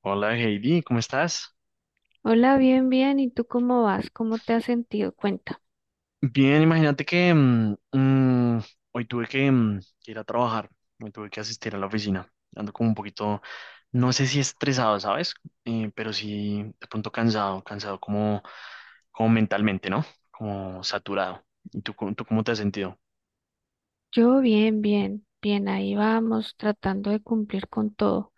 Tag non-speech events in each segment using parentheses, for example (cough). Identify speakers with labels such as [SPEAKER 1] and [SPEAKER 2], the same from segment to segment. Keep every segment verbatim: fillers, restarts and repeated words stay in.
[SPEAKER 1] Hola Heidi, ¿cómo estás?
[SPEAKER 2] Hola, bien, bien. ¿Y tú cómo vas? ¿Cómo te has sentido? Cuenta.
[SPEAKER 1] Bien, imagínate que mm, mm, hoy tuve que, mm, que ir a trabajar, hoy tuve que asistir a la oficina, ando como un poquito, no sé si estresado, ¿sabes? Eh, pero sí de pronto cansado, cansado como, como mentalmente, ¿no? Como saturado. ¿Y tú, cómo- tú cómo te has sentido?
[SPEAKER 2] Yo bien, bien, bien. Ahí vamos, tratando de cumplir con todo.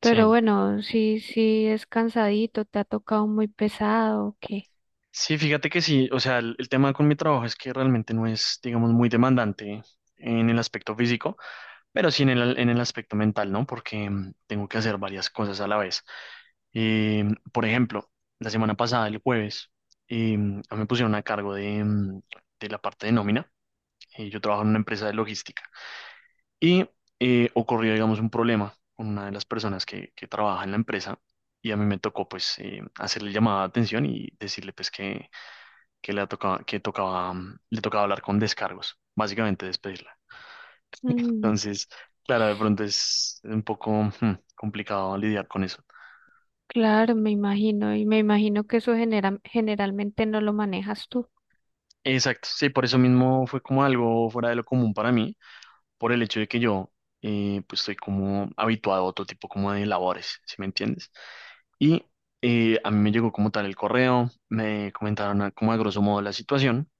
[SPEAKER 2] Pero
[SPEAKER 1] Sí.
[SPEAKER 2] bueno, sí, sí, es cansadito, te ha tocado muy pesado, ¿o qué?
[SPEAKER 1] Sí, fíjate que sí, o sea, el, el tema con mi trabajo es que realmente no es, digamos, muy demandante en el aspecto físico, pero sí en el, en el aspecto mental, ¿no? Porque mm, tengo que hacer varias cosas a la vez. Eh, por ejemplo, la semana pasada, el jueves, eh, a mí me pusieron a cargo de, mm, de la parte de nómina. Eh, yo trabajo en una empresa de logística y eh, ocurrió, digamos, un problema con una de las personas que, que trabaja en la empresa y a mí me tocó, pues, eh, hacerle llamada de atención y decirle, pues, que, que, le tocaba, que tocaba, mm, le tocaba hablar con descargos, básicamente despedirla.
[SPEAKER 2] Mm,
[SPEAKER 1] Entonces, claro, de pronto es un poco hmm, complicado lidiar con eso.
[SPEAKER 2] claro, me imagino. Y me imagino que eso genera- generalmente no lo manejas tú.
[SPEAKER 1] Exacto, sí, por eso mismo fue como algo fuera de lo común para mí, por el hecho de que yo, eh, pues estoy como habituado a otro tipo como de labores, ¿si me entiendes? Y eh, a mí me llegó como tal el correo, me comentaron a- como a grosso modo la situación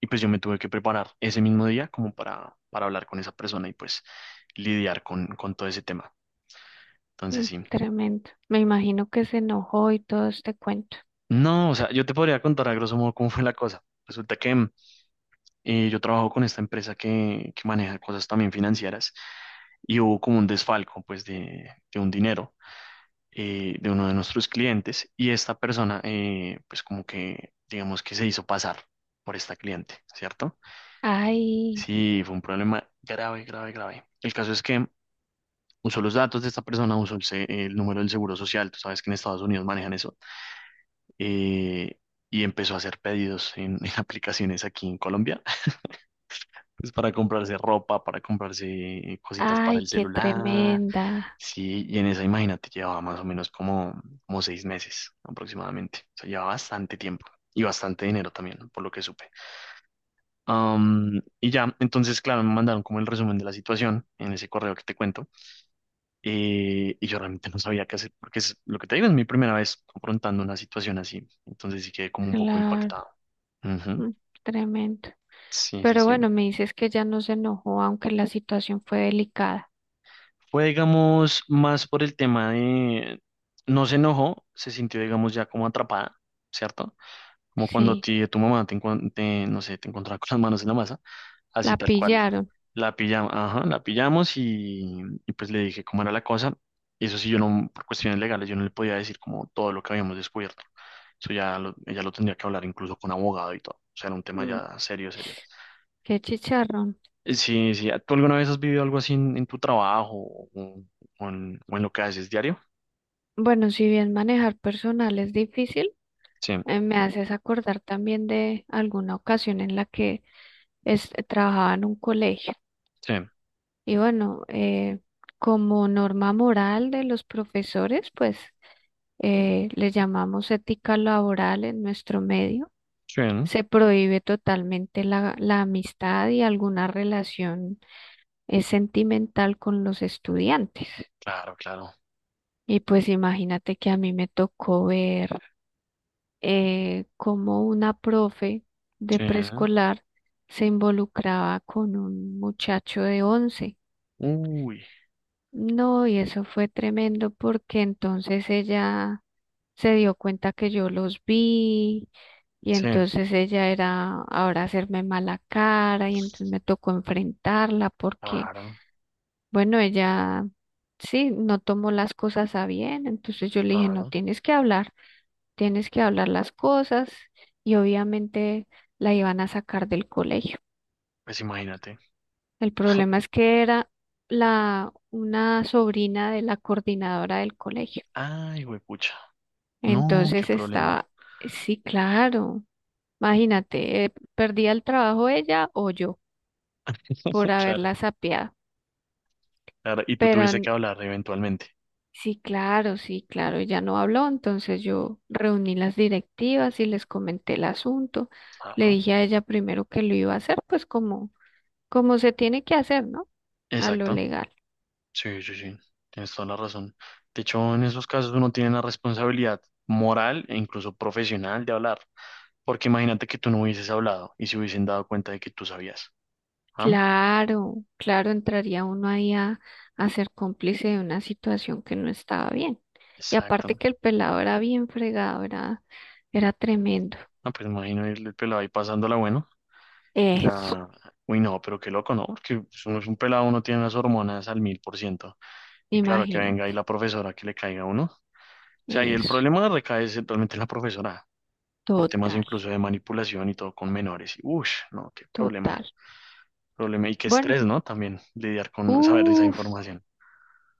[SPEAKER 1] y pues yo me tuve que preparar ese mismo día como para, para hablar con esa persona y pues lidiar con, con todo ese tema. Entonces
[SPEAKER 2] Mm,
[SPEAKER 1] sí.
[SPEAKER 2] tremendo. Me imagino que se enojó y todo este cuento.
[SPEAKER 1] No, o sea, yo te podría contar a grosso modo cómo fue la cosa. Resulta que mm, eh, yo trabajo con esta empresa que, que maneja cosas también financieras y hubo como un desfalco, pues, de, de un dinero, eh, de uno de nuestros clientes, y esta persona, eh, pues, como que, digamos que se hizo pasar por esta cliente, ¿cierto?
[SPEAKER 2] Ay,
[SPEAKER 1] Sí, fue un problema grave, grave, grave. El caso es que usó los datos de esta persona, usó el, se- el número del seguro social, tú sabes que en Estados Unidos manejan eso, eh, y empezó a hacer pedidos en, (laughs) en aplicaciones aquí en Colombia, (laughs) pues para comprarse ropa, para comprarse cositas para
[SPEAKER 2] ay,
[SPEAKER 1] el
[SPEAKER 2] qué
[SPEAKER 1] celular.
[SPEAKER 2] tremenda.
[SPEAKER 1] Sí, y en esa, imagínate, llevaba más o menos como, como seis meses aproximadamente, o sea, llevaba bastante tiempo. Y bastante dinero también, por lo que supe. Am, y ya, entonces, claro, me mandaron como el resumen de la situación en ese correo que te cuento. Eh, y yo realmente (laughs) no sabía qué hacer, porque es lo que te digo, es mi primera vez confrontando una situación así. Entonces sí quedé como un poco
[SPEAKER 2] Claro.
[SPEAKER 1] impactado. Ujú.
[SPEAKER 2] Mm. Tremendo.
[SPEAKER 1] Sí, sí,
[SPEAKER 2] Pero
[SPEAKER 1] sí.
[SPEAKER 2] bueno, me dices que ya no se enojó, aunque la situación fue delicada.
[SPEAKER 1] Fue, digamos, más por el tema de... No se enojó, se sintió, digamos, ya como atrapada, ¿cierto? Como cuando a
[SPEAKER 2] Sí,
[SPEAKER 1] ti, tu mamá te, encuent- te, no sé, te encontraba con las manos en la masa, así
[SPEAKER 2] la
[SPEAKER 1] tal cual.
[SPEAKER 2] pillaron.
[SPEAKER 1] La pillamos, ajá, la pillamos, y, y pues le dije cómo era la cosa. Y eso sí, yo no, por cuestiones legales, yo no le podía decir como todo lo que habíamos descubierto. Eso ya lo, ella lo tendría que hablar incluso con abogado y todo. O sea, era un tema
[SPEAKER 2] Mm,
[SPEAKER 1] ya serio, serio.
[SPEAKER 2] qué chicharrón.
[SPEAKER 1] Eh, Sí, sí. ¿Tú alguna vez has vivido algo así en, en tu trabajo o, o en, o en lo que haces diario?
[SPEAKER 2] Bueno, si bien manejar personal es difícil,
[SPEAKER 1] Sí,
[SPEAKER 2] eh, me haces acordar también de alguna ocasión en la que es- trabajaba en un colegio.
[SPEAKER 1] sí,
[SPEAKER 2] Y bueno, eh, como norma moral de los profesores, pues eh, le llamamos ética laboral en nuestro medio.
[SPEAKER 1] sí, ¿no?
[SPEAKER 2] Se prohíbe totalmente la, la amistad y alguna relación eh, sentimental con los estudiantes.
[SPEAKER 1] Claro, claro.
[SPEAKER 2] Y pues imagínate que a mí me tocó ver eh, cómo una profe de
[SPEAKER 1] Sí.
[SPEAKER 2] preescolar se involucraba con un muchacho de once.
[SPEAKER 1] Uy,
[SPEAKER 2] No, y eso fue tremendo porque entonces ella se dio cuenta que yo los vi, y
[SPEAKER 1] sí,
[SPEAKER 2] entonces ella era ahora hacerme mala cara, y entonces me tocó enfrentarla porque,
[SPEAKER 1] claro,
[SPEAKER 2] bueno, ella sí, no tomó las cosas a bien. Entonces yo le dije, no
[SPEAKER 1] claro.
[SPEAKER 2] tienes que hablar, tienes que hablar las cosas, y obviamente la iban a sacar del colegio.
[SPEAKER 1] Pues imagínate.
[SPEAKER 2] El problema es que era la una sobrina de la coordinadora del colegio.
[SPEAKER 1] Ay, pucha. No, qué
[SPEAKER 2] Entonces
[SPEAKER 1] problema.
[SPEAKER 2] estaba, sí, claro. Imagínate, eh, perdía el trabajo ella o yo por
[SPEAKER 1] (laughs) Claro,
[SPEAKER 2] haberla sapeado.
[SPEAKER 1] claro. Y tú
[SPEAKER 2] Pero
[SPEAKER 1] tuviste
[SPEAKER 2] n-
[SPEAKER 1] que hablar eventualmente.
[SPEAKER 2] sí, claro, sí, claro, ella no habló, entonces yo reuní las directivas y les comenté el asunto. Le
[SPEAKER 1] Claro.
[SPEAKER 2] dije a ella primero que lo iba a hacer, pues como, como se tiene que hacer, ¿no? A lo
[SPEAKER 1] Exacto.
[SPEAKER 2] legal.
[SPEAKER 1] Sí, sí, sí, tienes toda la razón. De hecho, en esos casos uno tiene la responsabilidad moral e incluso profesional de hablar, porque imagínate que tú no hubieses hablado y se hubiesen dado cuenta de que tú sabías. ¿Ah?
[SPEAKER 2] Claro, claro, entraría uno ahí a, a ser cómplice de una situación que no estaba bien. Y aparte
[SPEAKER 1] Exacto.
[SPEAKER 2] que el pelado era bien fregado, era, era tremendo.
[SPEAKER 1] No, pues imagino el, el pelado ahí pasándola bueno y
[SPEAKER 2] Eso.
[SPEAKER 1] la... Uy, no, pero qué loco, ¿no? Porque pues, uno es un pelado, uno tiene las hormonas al mil por ciento. Y claro, que
[SPEAKER 2] Imagina,
[SPEAKER 1] venga ahí la profesora que le caiga a uno. O sea, y el
[SPEAKER 2] eso,
[SPEAKER 1] problema recae es realmente en la profesora, por temas
[SPEAKER 2] total,
[SPEAKER 1] incluso de manipulación y todo con menores. Y, uff, no, qué problema.
[SPEAKER 2] total.
[SPEAKER 1] Problema y qué
[SPEAKER 2] Bueno,
[SPEAKER 1] estrés, ¿no? También lidiar con saber esa
[SPEAKER 2] uff,
[SPEAKER 1] información.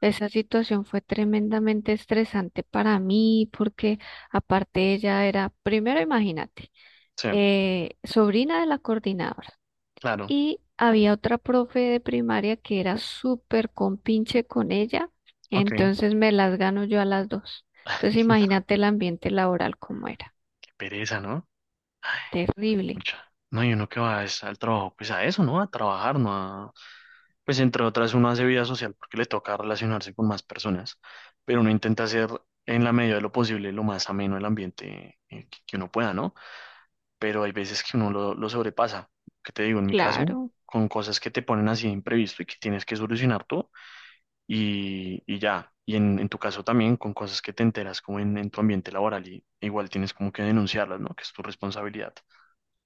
[SPEAKER 2] esa situación fue tremendamente estresante para mí porque aparte ella era, primero imagínate,
[SPEAKER 1] Sí,
[SPEAKER 2] eh, sobrina de la coordinadora,
[SPEAKER 1] claro.
[SPEAKER 2] y había otra profe de primaria que era súper compinche con ella,
[SPEAKER 1] Ok.
[SPEAKER 2] entonces me las gano yo a las dos. Entonces
[SPEAKER 1] (laughs)
[SPEAKER 2] imagínate el ambiente laboral como era,
[SPEAKER 1] Qué pereza, ¿no? Ay,
[SPEAKER 2] terrible,
[SPEAKER 1] mucha. No, y uno que va es al trabajo, pues a eso, ¿no? A trabajar, ¿no? A... Pues entre otras, uno hace vida social porque le toca relacionarse con más personas, pero uno intenta hacer en la medida de lo posible lo más ameno el ambiente, eh, que que uno pueda, ¿no? Pero hay veces que uno lo, lo sobrepasa. ¿Qué te digo? En mi caso,
[SPEAKER 2] claro.
[SPEAKER 1] con cosas que te ponen así de imprevisto y que tienes que solucionar tú, y, y ya. Y en, en tu caso también con cosas que te enteras como en, en tu ambiente laboral, y igual tienes como que denunciarlas, ¿no? Que es tu responsabilidad.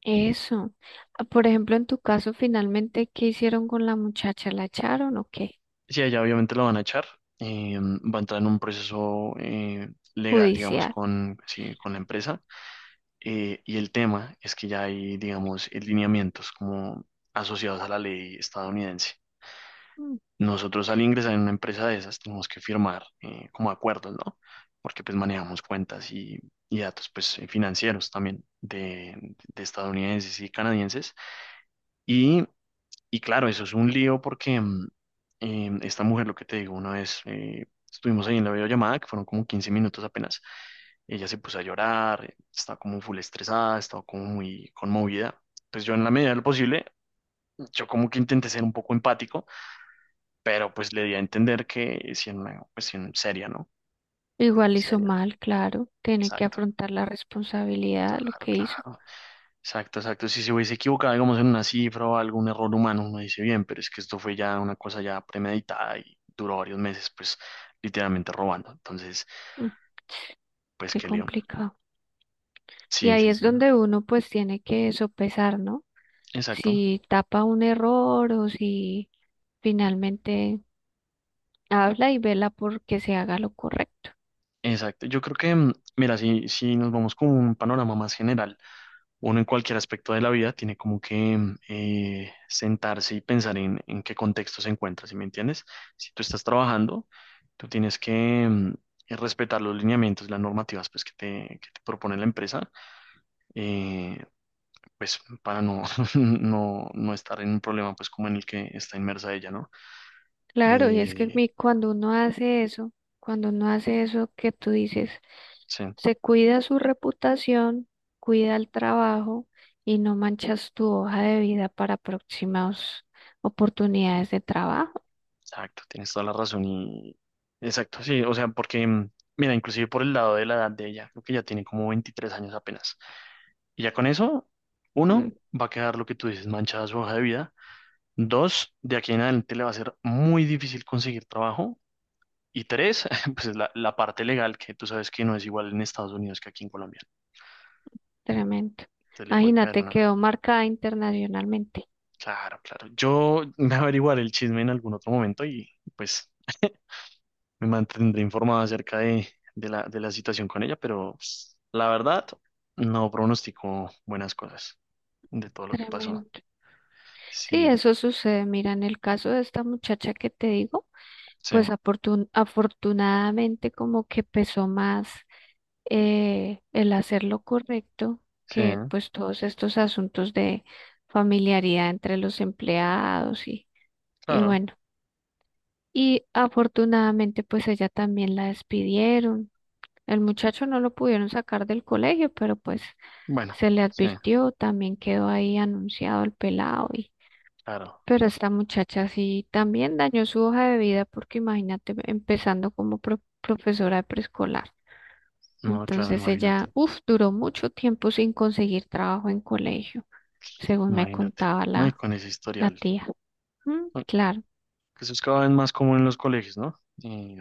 [SPEAKER 2] Eso. Ah, por ejemplo, en tu caso, finalmente, ¿qué hicieron con la muchacha? ¿La echaron o qué?
[SPEAKER 1] Si a ella obviamente la van a echar, eh, va a entrar en un proceso eh, legal, digamos,
[SPEAKER 2] Judicial.
[SPEAKER 1] con, sí, con la empresa. Eh, y el tema es que ya hay, digamos, eh, lineamientos como asociados a la ley estadounidense.
[SPEAKER 2] Mm.
[SPEAKER 1] Nosotros al ingresar en una empresa de esas tenemos que firmar, eh, como acuerdos, ¿no? Porque pues manejamos cuentas y, y datos pues, eh, financieros también de, de estadounidenses y canadienses. Y, y claro, eso es un lío porque mm, eh, esta mujer, lo que te digo, una vez, eh, estuvimos ahí en la videollamada, que fueron como quince minutos apenas, ella se puso a llorar, eh, estaba como full estresada, estaba como muy conmovida. Pues yo en la medida de lo posible, yo como que intenté ser un poco empático, pero pues le di a entender que es en una cuestión seria, ¿no?
[SPEAKER 2] Igual hizo
[SPEAKER 1] Seria,
[SPEAKER 2] mal, claro. Tiene que
[SPEAKER 1] exacto,
[SPEAKER 2] afrontar la responsabilidad de lo
[SPEAKER 1] claro,
[SPEAKER 2] que hizo.
[SPEAKER 1] claro, exacto, exacto. Si se hubiese equivocado, digamos, en una cifra o algún error humano, uno dice bien, pero es que esto fue ya una cosa ya premeditada y duró varios meses, pues literalmente robando. Entonces,
[SPEAKER 2] Mm.
[SPEAKER 1] pues
[SPEAKER 2] Qué
[SPEAKER 1] qué león.
[SPEAKER 2] complicado. Y
[SPEAKER 1] Sí,
[SPEAKER 2] ahí
[SPEAKER 1] sí,
[SPEAKER 2] es
[SPEAKER 1] sí, ¿no?
[SPEAKER 2] donde uno pues tiene que sopesar, ¿no?
[SPEAKER 1] Exacto,
[SPEAKER 2] Si tapa un error o si finalmente habla y vela porque se haga lo correcto.
[SPEAKER 1] exacto. Yo creo que, mm, mira, si, si nos vamos con un panorama más general, uno en cualquier aspecto de la vida tiene como que, mm, eh, sentarse y pensar en, en qué contexto se encuentra, ¿sí me entiendes? Si tú estás trabajando, tú tienes que mm, eh, respetar los lineamientos, las normativas pues, que te, que te propone la empresa, eh, pues para no, (laughs) no, no estar en un problema pues como en el que está inmersa ella, ¿no?
[SPEAKER 2] Claro, y es que
[SPEAKER 1] Eh,
[SPEAKER 2] mi- cuando uno hace eso, cuando uno hace eso que tú dices,
[SPEAKER 1] sí,
[SPEAKER 2] se cuida su reputación, cuida el trabajo y no manchas tu hoja de vida para próximas oportunidades de trabajo.
[SPEAKER 1] exacto, tienes toda la razón y... Exacto, sí, o sea, porque, mm, mira, inclusive por el lado de la edad de ella, creo que ya tiene como veintitrés años apenas. Y ya con eso,
[SPEAKER 2] Mm,
[SPEAKER 1] uno, va a quedar lo que tú dices, manchada su hoja de vida. Dos, de aquí en adelante le va a ser muy difícil conseguir trabajo. Y tres, (laughs) pues es la, la parte legal, que tú sabes que no es igual en Estados Unidos que aquí en Colombia.
[SPEAKER 2] tremendo.
[SPEAKER 1] Entonces le puede caer
[SPEAKER 2] Imagínate,
[SPEAKER 1] una...
[SPEAKER 2] quedó marcada internacionalmente.
[SPEAKER 1] Claro, claro. Yo (laughs) me averiguaré el chisme en algún otro momento y pues me mantendré informado acerca de, de la, de la situación con ella, pero pues, la verdad, no pronostico buenas cosas de todo lo que pasó.
[SPEAKER 2] Tremendo. Sí,
[SPEAKER 1] Sí,
[SPEAKER 2] eso sucede. Mira, en el caso de esta muchacha que te digo,
[SPEAKER 1] sí,
[SPEAKER 2] pues afortun- afortunadamente como que pesó más eh, el hacer lo correcto,
[SPEAKER 1] sí,
[SPEAKER 2] que pues todos estos asuntos de familiaridad entre los empleados, y, y
[SPEAKER 1] claro.
[SPEAKER 2] bueno, y afortunadamente pues ella también la despidieron. El muchacho no lo pudieron sacar del colegio, pero pues
[SPEAKER 1] Bueno,
[SPEAKER 2] se le
[SPEAKER 1] sí,
[SPEAKER 2] advirtió, también quedó ahí anunciado el pelado,
[SPEAKER 1] claro.
[SPEAKER 2] pero esta muchacha sí también dañó su hoja de vida, porque imagínate empezando como pro- profesora de preescolar.
[SPEAKER 1] No, claro,
[SPEAKER 2] Entonces ella,
[SPEAKER 1] imagínate,
[SPEAKER 2] uff, duró mucho tiempo sin conseguir trabajo en colegio, según me
[SPEAKER 1] imagínate.
[SPEAKER 2] contaba
[SPEAKER 1] No, y
[SPEAKER 2] la,
[SPEAKER 1] con ese
[SPEAKER 2] la
[SPEAKER 1] historial.
[SPEAKER 2] tía. Mm,
[SPEAKER 1] ¿No?
[SPEAKER 2] claro,
[SPEAKER 1] Que eso es cada vez más común en los colegios, ¿no? Y,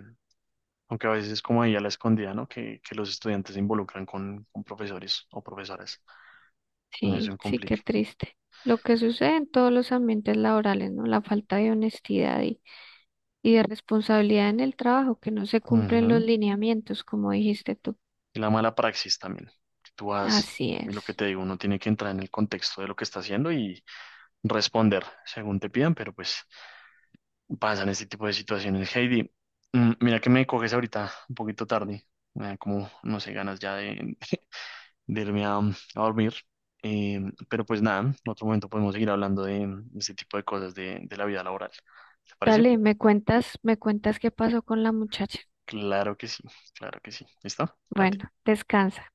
[SPEAKER 1] aunque a veces es como ahí a la escondida, ¿no? Que, que los estudiantes se involucran con, con profesores o profesoras. No es un
[SPEAKER 2] sí, sí, qué
[SPEAKER 1] complique.
[SPEAKER 2] triste. Lo que sucede en todos los ambientes laborales, ¿no? La falta de honestidad y, y de responsabilidad en el trabajo, que no se cumplen los
[SPEAKER 1] Ujú.
[SPEAKER 2] lineamientos, como dijiste tú.
[SPEAKER 1] Y la mala praxis también. Que tú vas,
[SPEAKER 2] Así
[SPEAKER 1] y lo que
[SPEAKER 2] es.
[SPEAKER 1] te digo, uno tiene que entrar en el contexto de lo que está haciendo y responder según te pidan, pero pues pasan este tipo de situaciones. Heidi, mm, mira que me coges ahorita un poquito tarde, me da como, no sé, ganas ya de, de irme a, a dormir. Eh, pero pues nada, en otro momento podemos seguir hablando de, de este tipo de cosas de, de la vida laboral. ¿Te parece?
[SPEAKER 2] Dale, me cuentas, me cuentas qué pasó con la muchacha.
[SPEAKER 1] Claro que sí, claro que sí. ¿Listo? Cuídate.
[SPEAKER 2] Bueno, descansa.